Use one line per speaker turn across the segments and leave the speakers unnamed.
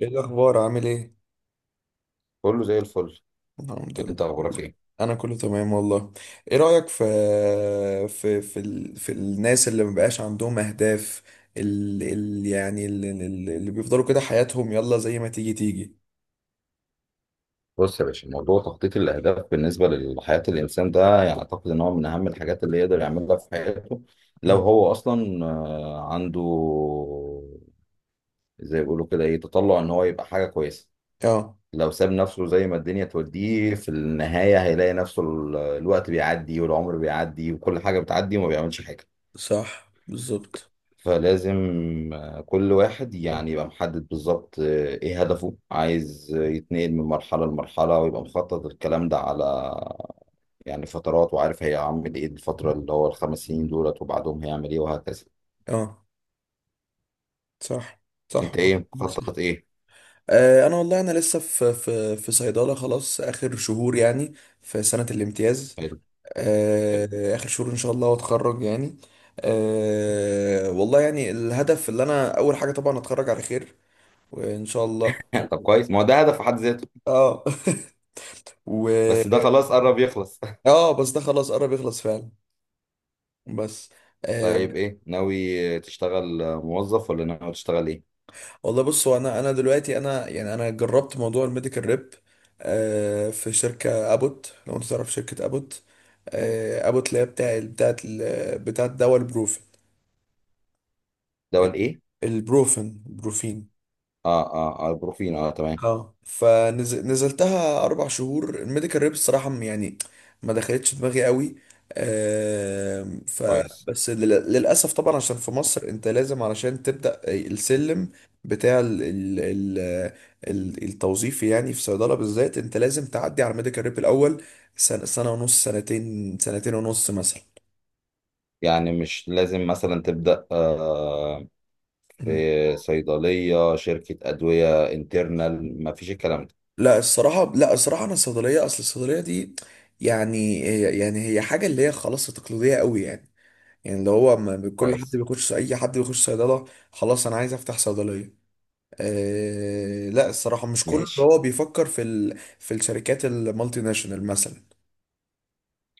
ايه الاخبار؟ عامل ايه؟
كله زي الفل.
الحمد
انت
لله
اخبارك
والله.
ايه؟
انا كله تمام والله. ايه رايك في الناس اللي مبقاش عندهم اهداف، اللي ال... ال- يعني اللي, اللي بيفضلوا كده حياتهم يلا زي ما تيجي تيجي؟
بص يا باشا، موضوع تخطيط الاهداف بالنسبه لحياه الانسان ده يعني اعتقد ان هو من اهم الحاجات اللي يقدر يعملها في حياته. لو
مم.
هو اصلا عنده زي ما بيقولوا كده ايه تطلع ان هو يبقى حاجه كويسه.
اه،
لو ساب نفسه زي ما الدنيا توديه في النهايه هيلاقي نفسه الوقت بيعدي والعمر بيعدي وكل حاجه بتعدي وما بيعملش حاجه.
صح بالظبط.
فلازم كل واحد يعني يبقى محدد بالظبط ايه هدفه، عايز يتنقل من مرحلة لمرحلة، ويبقى مخطط الكلام ده على يعني فترات، وعارف هيعمل ايه الفترة اللي هو الخمس سنين دولت وبعدهم هيعمل ايه وهكذا.
اه، صح. صح
انت
والله،
ايه
عندك
مخطط
صح.
ايه؟
انا والله انا لسه في صيدله، خلاص اخر شهور يعني. في سنه الامتياز.
حلو. حلو.
آه، اخر شهور ان شاء الله واتخرج يعني. والله يعني الهدف اللي انا اول حاجه طبعا اتخرج على خير، وان شاء الله.
طب كويس، ما هو ده هدف في حد ذاته.
اه. و
بس ده خلاص قرب يخلص.
اه بس ده خلاص قرب يخلص فعلا. بس. آه.
طيب ايه ناوي تشتغل موظف ولا ناوي تشتغل ايه؟
والله بص، هو انا دلوقتي انا جربت موضوع الميديكال ريب. في شركه ابوت، لو انت تعرف شركه ابوت. ابوت اللي هي بتاعت دواء البروفين. آه،
دول ايه؟
البروفين بروفين.
اه اه اه بروفين، اه تمام.
اه، فنزلتها 4 شهور الميديكال ريب، الصراحه يعني ما دخلتش دماغي قوي. آم، ف
كويس.
بس للاسف طبعا، عشان في مصر انت لازم، علشان تبدا السلم بتاع التوظيفي يعني، في صيدله بالذات انت لازم تعدي على الميديكال ريب الاول، سنه، سنه ونص، سنتين، سنتين ونص مثلا.
يعني مش لازم مثلا تبدأ
مم.
في صيدلية شركة أدوية انترنال، مفيش الكلام ده.
لا الصراحة، أنا الصيدلية، أصل الصيدلية دي، يعني، يعني هي حاجة اللي هي خلاص تقليدية قوي يعني، يعني اللي هو كل حد
كويس.
بيخش، اي حد بيخش صيدله. خلاص انا عايز افتح صيدليه. لا الصراحه، مش كله اللي
ماشي.
هو بيفكر في الشركات المالتي ناشونال مثلا.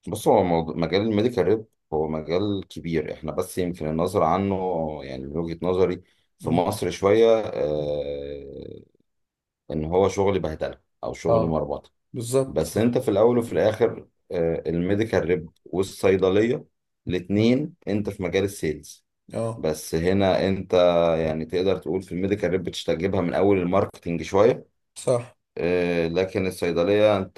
بص، هو موضوع مجال الميديكال ريب هو مجال كبير احنا بس يمكن النظر عنه، يعني من وجهة نظري في
مم.
مصر شوية ان هو شغل بهدلة او شغل
اه،
مربطة.
بالظبط
بس
صح.
انت في الاول وفي الاخر الميديكال ريب والصيدلية
مم.
الاتنين انت في مجال السيلز.
اه،
بس هنا انت يعني تقدر تقول في الميديكال ريب بتجيبها من اول الماركتنج شوية،
صح.
لكن الصيدلية انت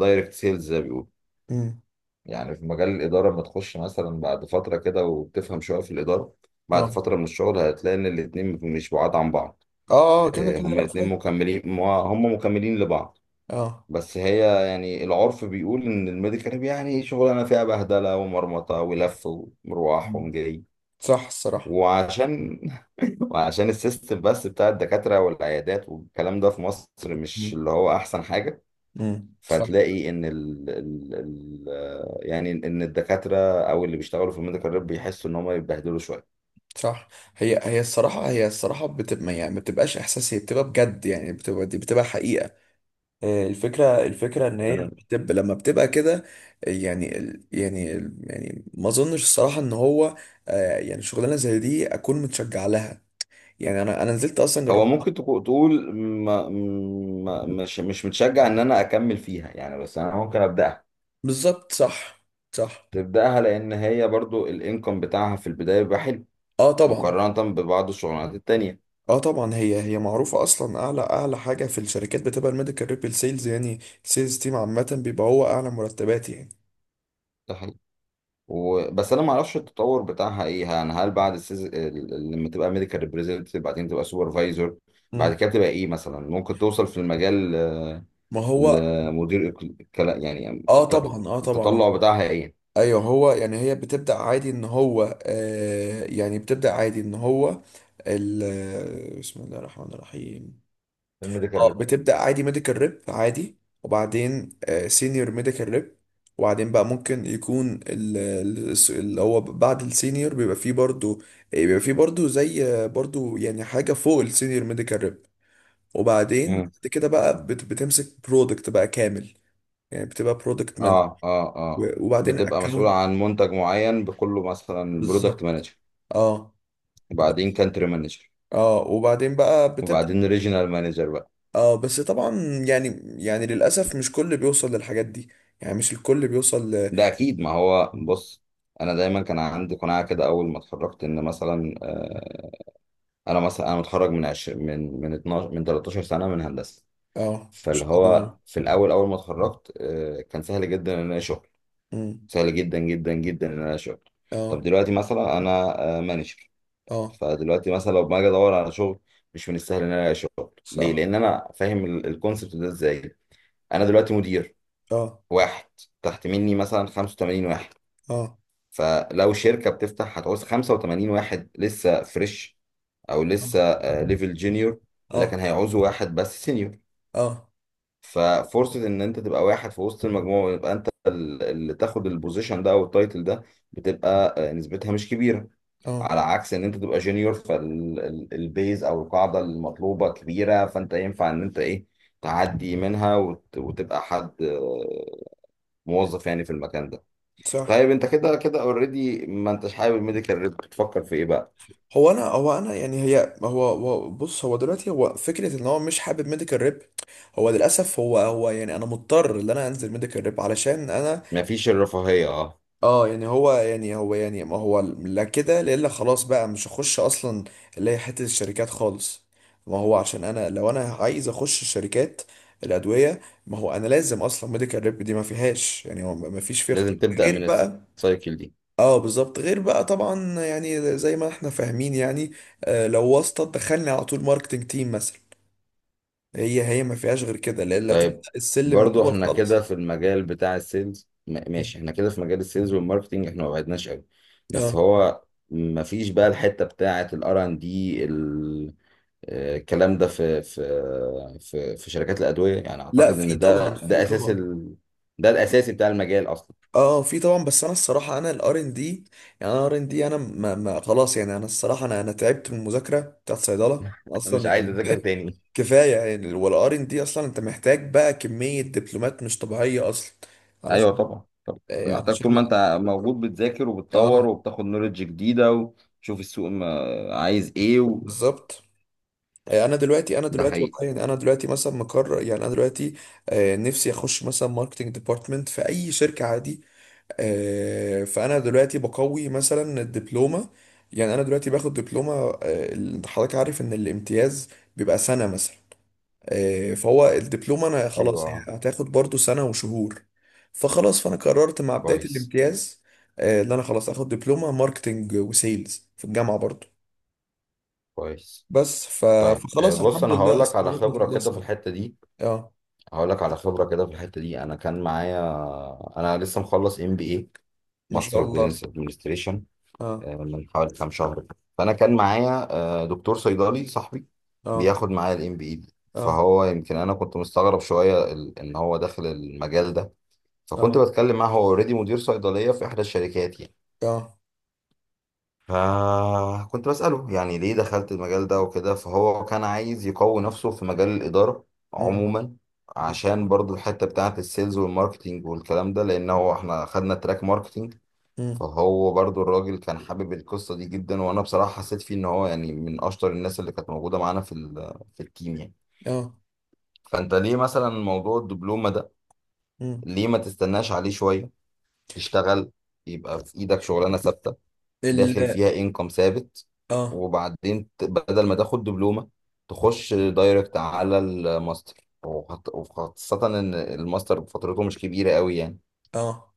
دايركت سيلز زي ما بيقولوا.
مم.
يعني في مجال الإدارة لما تخش مثلا بعد فترة كده وبتفهم شوية في الإدارة، بعد
اه
فترة من الشغل هتلاقي إن الاتنين مش بعاد عن بعض.
اه. كده كده
هما
لا
الاتنين
فاهم.
مكملين، هما مكملين لبعض.
اه.
بس هي يعني العرف بيقول إن الميديكال يعني شغلانة فيها بهدلة ومرمطة ولف ومروح
مم.
ومجري.
صح الصراحه.
وعشان وعشان السيستم بس بتاع الدكاترة والعيادات والكلام ده في مصر مش
مم.
اللي هو أحسن حاجة.
مم. صح.
فتلاقي ان ال ال ال آه، يعني ان الدكاتره او اللي بيشتغلوا في الميديكال ريب بيحسوا ان هم يتبهدلوا شويه.
صح، هي الصراحه، هي الصراحه بتبقى يعني، ما بتبقاش احساس، هي بتبقى بجد يعني، بتبقى دي بتبقى حقيقه. الفكرة ان هي
انا
بتبقى لما بتبقى كده. يعني ما اظنش الصراحة ان هو، يعني شغلانة زي دي اكون متشجع لها. يعني انا نزلت اصلا
هو
جربت.
ممكن تقول ما مش متشجع ان انا اكمل فيها يعني، بس انا ممكن ابداها.
بالظبط صح. صح.
تبداها لان هي برضو الانكم بتاعها في البدايه بيبقى حلو
اه طبعا.
مقارنه ببعض الشغلانات التانيه.
اه طبعا، هي معروفة اصلا، اعلى اعلى حاجة في الشركات بتبقى الميديكال ريبيل سيلز يعني. السيلز تيم عامة بيبقى هو اعلى مرتبات يعني.
ده حقيقي. بس انا ما اعرفش التطور بتاعها ايه، يعني هل بعد لما تبقى ميديكال ريبريزنتيف بعدين تبقى سوبرفايزر،
مم.
بعد كده تبقى ايه مثلا ممكن توصل في المجال،
ما هو.
لمدير
اه طبعا، اه طبعا.
التطلع بتاعها ايه؟
ايوه، هو يعني هي بتبدأ عادي ان هو، يعني بتبدأ عادي ان هو، ال آه، بسم الله الرحمن الرحيم.
الميديكال
اه،
ريب.
بتبدأ عادي ميديكال ريب عادي، وبعدين سينيور ميديكال ريب. وبعدين بقى، ممكن يكون اللي هو بعد السينيور بيبقى فيه برضو، بيبقى فيه برضو زي برضو يعني حاجة فوق السينيور ميديكال ريب. وبعدين
مم.
بعد كده بقى بتمسك برودكت بقى كامل. يعني بتبقى برودكت مانجر.
اه اه اه،
وبعدين
بتبقى مسؤولة
اكونت.
عن منتج معين بكله مثلا برودكت
بالظبط.
مانجر.
اه.
وبعدين كانتري مانجر.
اه وبعدين بقى بتبدأ.
وبعدين ريجنال مانجر بقى.
اه بس طبعا. يعني، يعني للأسف مش كل بيوصل للحاجات دي، يعني مش الكل بيوصل
ده اكيد، ما هو بص، انا دايما كان عندي قناعة كده اول ما اتخرجت ان مثلا انا مثلا انا متخرج من 20 من 12 من 13 سنة من هندسة.
اه، مش
فاللي
الكل
هو
بيوصل.
في الاول اول ما اتخرجت كان سهل جدا ان انا ألاقي شغل،
امم
سهل جدا جدا جدا ان انا اشتغل. طب
اه
دلوقتي مثلا انا مانجر،
اه،
فدلوقتي مثلا لو ما اجي ادور على شغل، مش من السهل ان انا الاقي شغل، ليه؟
صح.
لان انا فاهم الكونسبت ده ازاي. انا دلوقتي مدير
اه
واحد، تحت مني مثلا 85 واحد.
اه
فلو شركه بتفتح، هتعوز 85 واحد لسه فريش او
اه
لسه ليفل جونيور،
اه
لكن هيعوزوا واحد بس سينيور.
اه
ففرصة إن أنت تبقى واحد في وسط المجموعة ويبقى أنت اللي تاخد البوزيشن ده أو التايتل ده، بتبقى نسبتها مش كبيرة.
اه،
على عكس إن أنت تبقى جونيور، فالبيز أو القاعدة المطلوبة كبيرة، فأنت ينفع إن أنت إيه، تعدي منها وتبقى حد موظف يعني في المكان ده.
صح.
طيب أنت كده كده أوريدي ما أنتش حابب الميديكال ريب، بتفكر في إيه بقى؟
هو انا يعني هي بص، هو دلوقتي هو فكره ان هو مش حابب ميديكال ريب. هو للاسف، هو يعني انا مضطر ان انا انزل ميديكال ريب علشان انا،
مفيش الرفاهية، أه.
اه يعني هو، يعني هو يعني، ما هو لا كده، لا الا خلاص بقى مش هخش اصلا اللي هي حته الشركات خالص. ما هو عشان انا، لو انا عايز اخش شركات الادويه، ما هو انا لازم اصلا ميديكال ريب دي ما فيهاش يعني، هو ما فيش فيه اختيار
لازم تبدأ
غير
من
بقى.
السايكل دي.
اه بالظبط، غير بقى طبعا، يعني زي ما احنا فاهمين يعني. لو واسطه دخلني على طول ماركتنج تيم مثلا. هي ما فيهاش غير كده، لا الا
طيب،
تبدا السلم من
برضو
الاول
احنا كده
خالص.
في المجال بتاع السيلز، ماشي. احنا كده في مجال السيلز والماركتينج، احنا ما بعدناش قوي، بس
اه،
هو ما فيش بقى الحتة بتاعة الار ان دي. الكلام ده في شركات الأدوية، يعني اعتقد
لا في
ان
طبعا،
ده
في
ده
طبعا.
ده الاساسي بتاع المجال اصلا.
اه في طبعا، بس انا الصراحه، انا الـR&D يعني، انا R&D انا ما خلاص يعني، انا الصراحه انا تعبت من المذاكره بتاعت صيدله
انا مش
اصلا
عايز
يعني.
اذاكر تاني.
كفايه يعني، والار ان دي اصلا انت محتاج بقى كميه دبلومات مش طبيعيه اصلا،
ايوه
علشان،
طبعا طبعا، انت
آه،
محتاج طول
علشان
ما انت موجود بتذاكر
اه
وبتطور وبتاخد نوليدج جديدة وتشوف السوق عايز ايه.
بالظبط. انا دلوقتي
ده حقيقي.
والله يعني انا دلوقتي مثلا مقرر يعني انا دلوقتي، نفسي اخش مثلا ماركتنج ديبارتمنت في اي شركه عادي. فانا دلوقتي بقوي مثلا الدبلومه. يعني انا دلوقتي باخد دبلومه، حضرتك عارف ان الامتياز بيبقى سنه مثلا. فهو الدبلومه، انا خلاص
ايوه.
هي هتاخد برضو سنه وشهور. فخلاص، فانا قررت مع بدايه
كويس.
الامتياز، ان انا خلاص اخد دبلومه ماركتنج وسيلز في الجامعه برضو.
كويس.
بس ف-
طيب
فخلاص
بص،
الحمد
انا
لله استمرنا في القصه دي. اه،
هقول لك على خبره كده في الحته دي، انا كان معايا، انا لسه مخلص ام بي اي،
ما شاء
ماستر اوف
الله.
بزنس ادمنستريشن،
اه
من حوالي كام شهر كده. فانا كان معايا دكتور صيدلي صاحبي،
اه
بياخد معايا الام بي اي دي،
اه
فهو يمكن انا كنت مستغرب شويه ان هو داخل المجال ده. فكنت
اه
بتكلم معاه، هو اوريدي مدير صيدليه في احدى الشركات يعني.
اه.
فكنت بسأله يعني ليه دخلت المجال ده وكده، فهو كان عايز يقوي نفسه في مجال الإدارة
مم،
عموما،
مم،
عشان برضو الحتة بتاعة السيلز والماركتينج والكلام ده، لأن هو احنا خدنا تراك ماركتينج.
مم.
فهو برضو الراجل كان حابب القصة دي جدا، وأنا بصراحة حسيت فيه إن هو يعني من أشطر الناس اللي كانت موجودة معانا في في التيم يعني.
اه.
فأنت ليه مثلا موضوع الدبلومة ده؟
مم.
ليه ما تستناش عليه شوية، تشتغل، يبقى في إيدك شغلانة ثابتة،
ال
داخل فيها انكم ثابت،
اه
وبعدين بدل ما تاخد دبلومة، تخش دايركت على الماستر، وخاصة ان الماستر فترته مش كبيرة قوي يعني،
اه،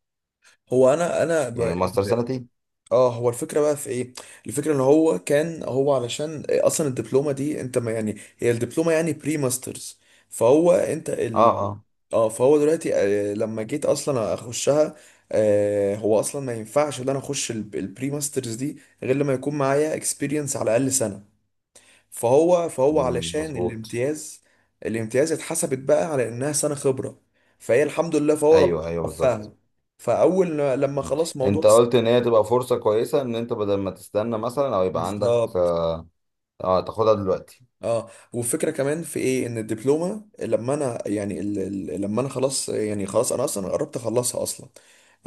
هو انا
يعني
ب...
الماستر سنتين.
اه، هو الفكره بقى في ايه. الفكره ان هو كان هو، علشان اصلا الدبلومه دي انت ما يعني، هي الدبلومه يعني بري ماسترز. فهو انت
اه اه.
اه فهو دلوقتي، لما جيت اصلا اخشها، هو اصلا ما ينفعش ان انا اخش البري ماسترز دي غير لما يكون معايا اكسبيرينس على الاقل سنه. فهو
مم،
علشان
مظبوط.
الامتياز، الامتياز اتحسبت بقى على انها سنة خبرة. فهي الحمد لله، فهو ربنا
ايوه ايوه بالظبط.
وفقها. فاول لما
مم.
خلاص موضوع
انت قلت ان هي تبقى فرصة كويسة ان انت بدل ما تستنى مثلا او يبقى عندك
بالظبط.
اه، تاخدها دلوقتي.
اه، والفكره كمان في ايه، ان الدبلومه لما انا يعني لما انا خلاص يعني، خلاص انا اصلا قربت اخلصها اصلا،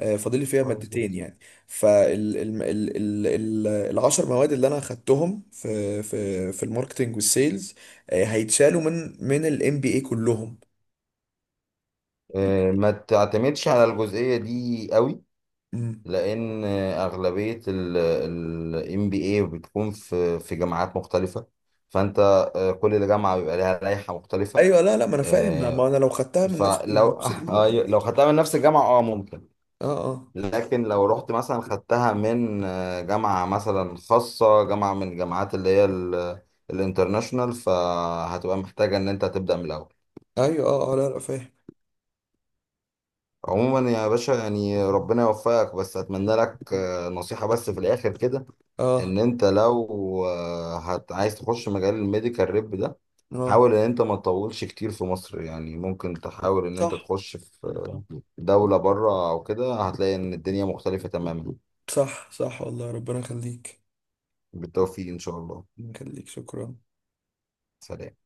فاضل لي فيها
كويس
مادتين
جدا.
يعني. فال ال... ال... ال... ال... الـ10 مواد اللي انا اخدتهم في الماركتنج والسيلز، هيتشالوا من الـMBA كلهم يعني.
ما تعتمدش على الجزئية دي قوي،
مم.
لان اغلبيه الام بي اي بتكون في جامعات مختلفه، فانت كل جامعه بيبقى لها لائحه مختلفه.
ايوه، لا لا، ما انا فاهم، ما
آه،
ما انا لو خدتها من نفس
فلو
الموسيقى ما
أيوة،
بتاعتها.
لو خدتها من نفس الجامعه اه ممكن.
اه اه.
لكن لو رحت مثلا خدتها من جامعه مثلا خاصه، جامعه من الجامعات اللي هي الانترناشونال، فهتبقى محتاجه ان انت تبدا من الاول.
ايوه، اه اه، لا لا فاهم.
عموما يا باشا، يعني ربنا يوفقك، بس اتمنى لك نصيحه بس في الاخر كده. ان
اه
انت لو عايز تخش مجال الميديكال ريب ده،
اه.
حاول ان انت ما تطولش كتير في مصر يعني. ممكن تحاول ان انت
صح،
تخش في دولة بره او كده، هتلاقي ان الدنيا مختلفة تماما.
صح، صح والله، ربنا يخليك.
بالتوفيق ان شاء الله.
ربنا يخليك، شكرا.
سلام.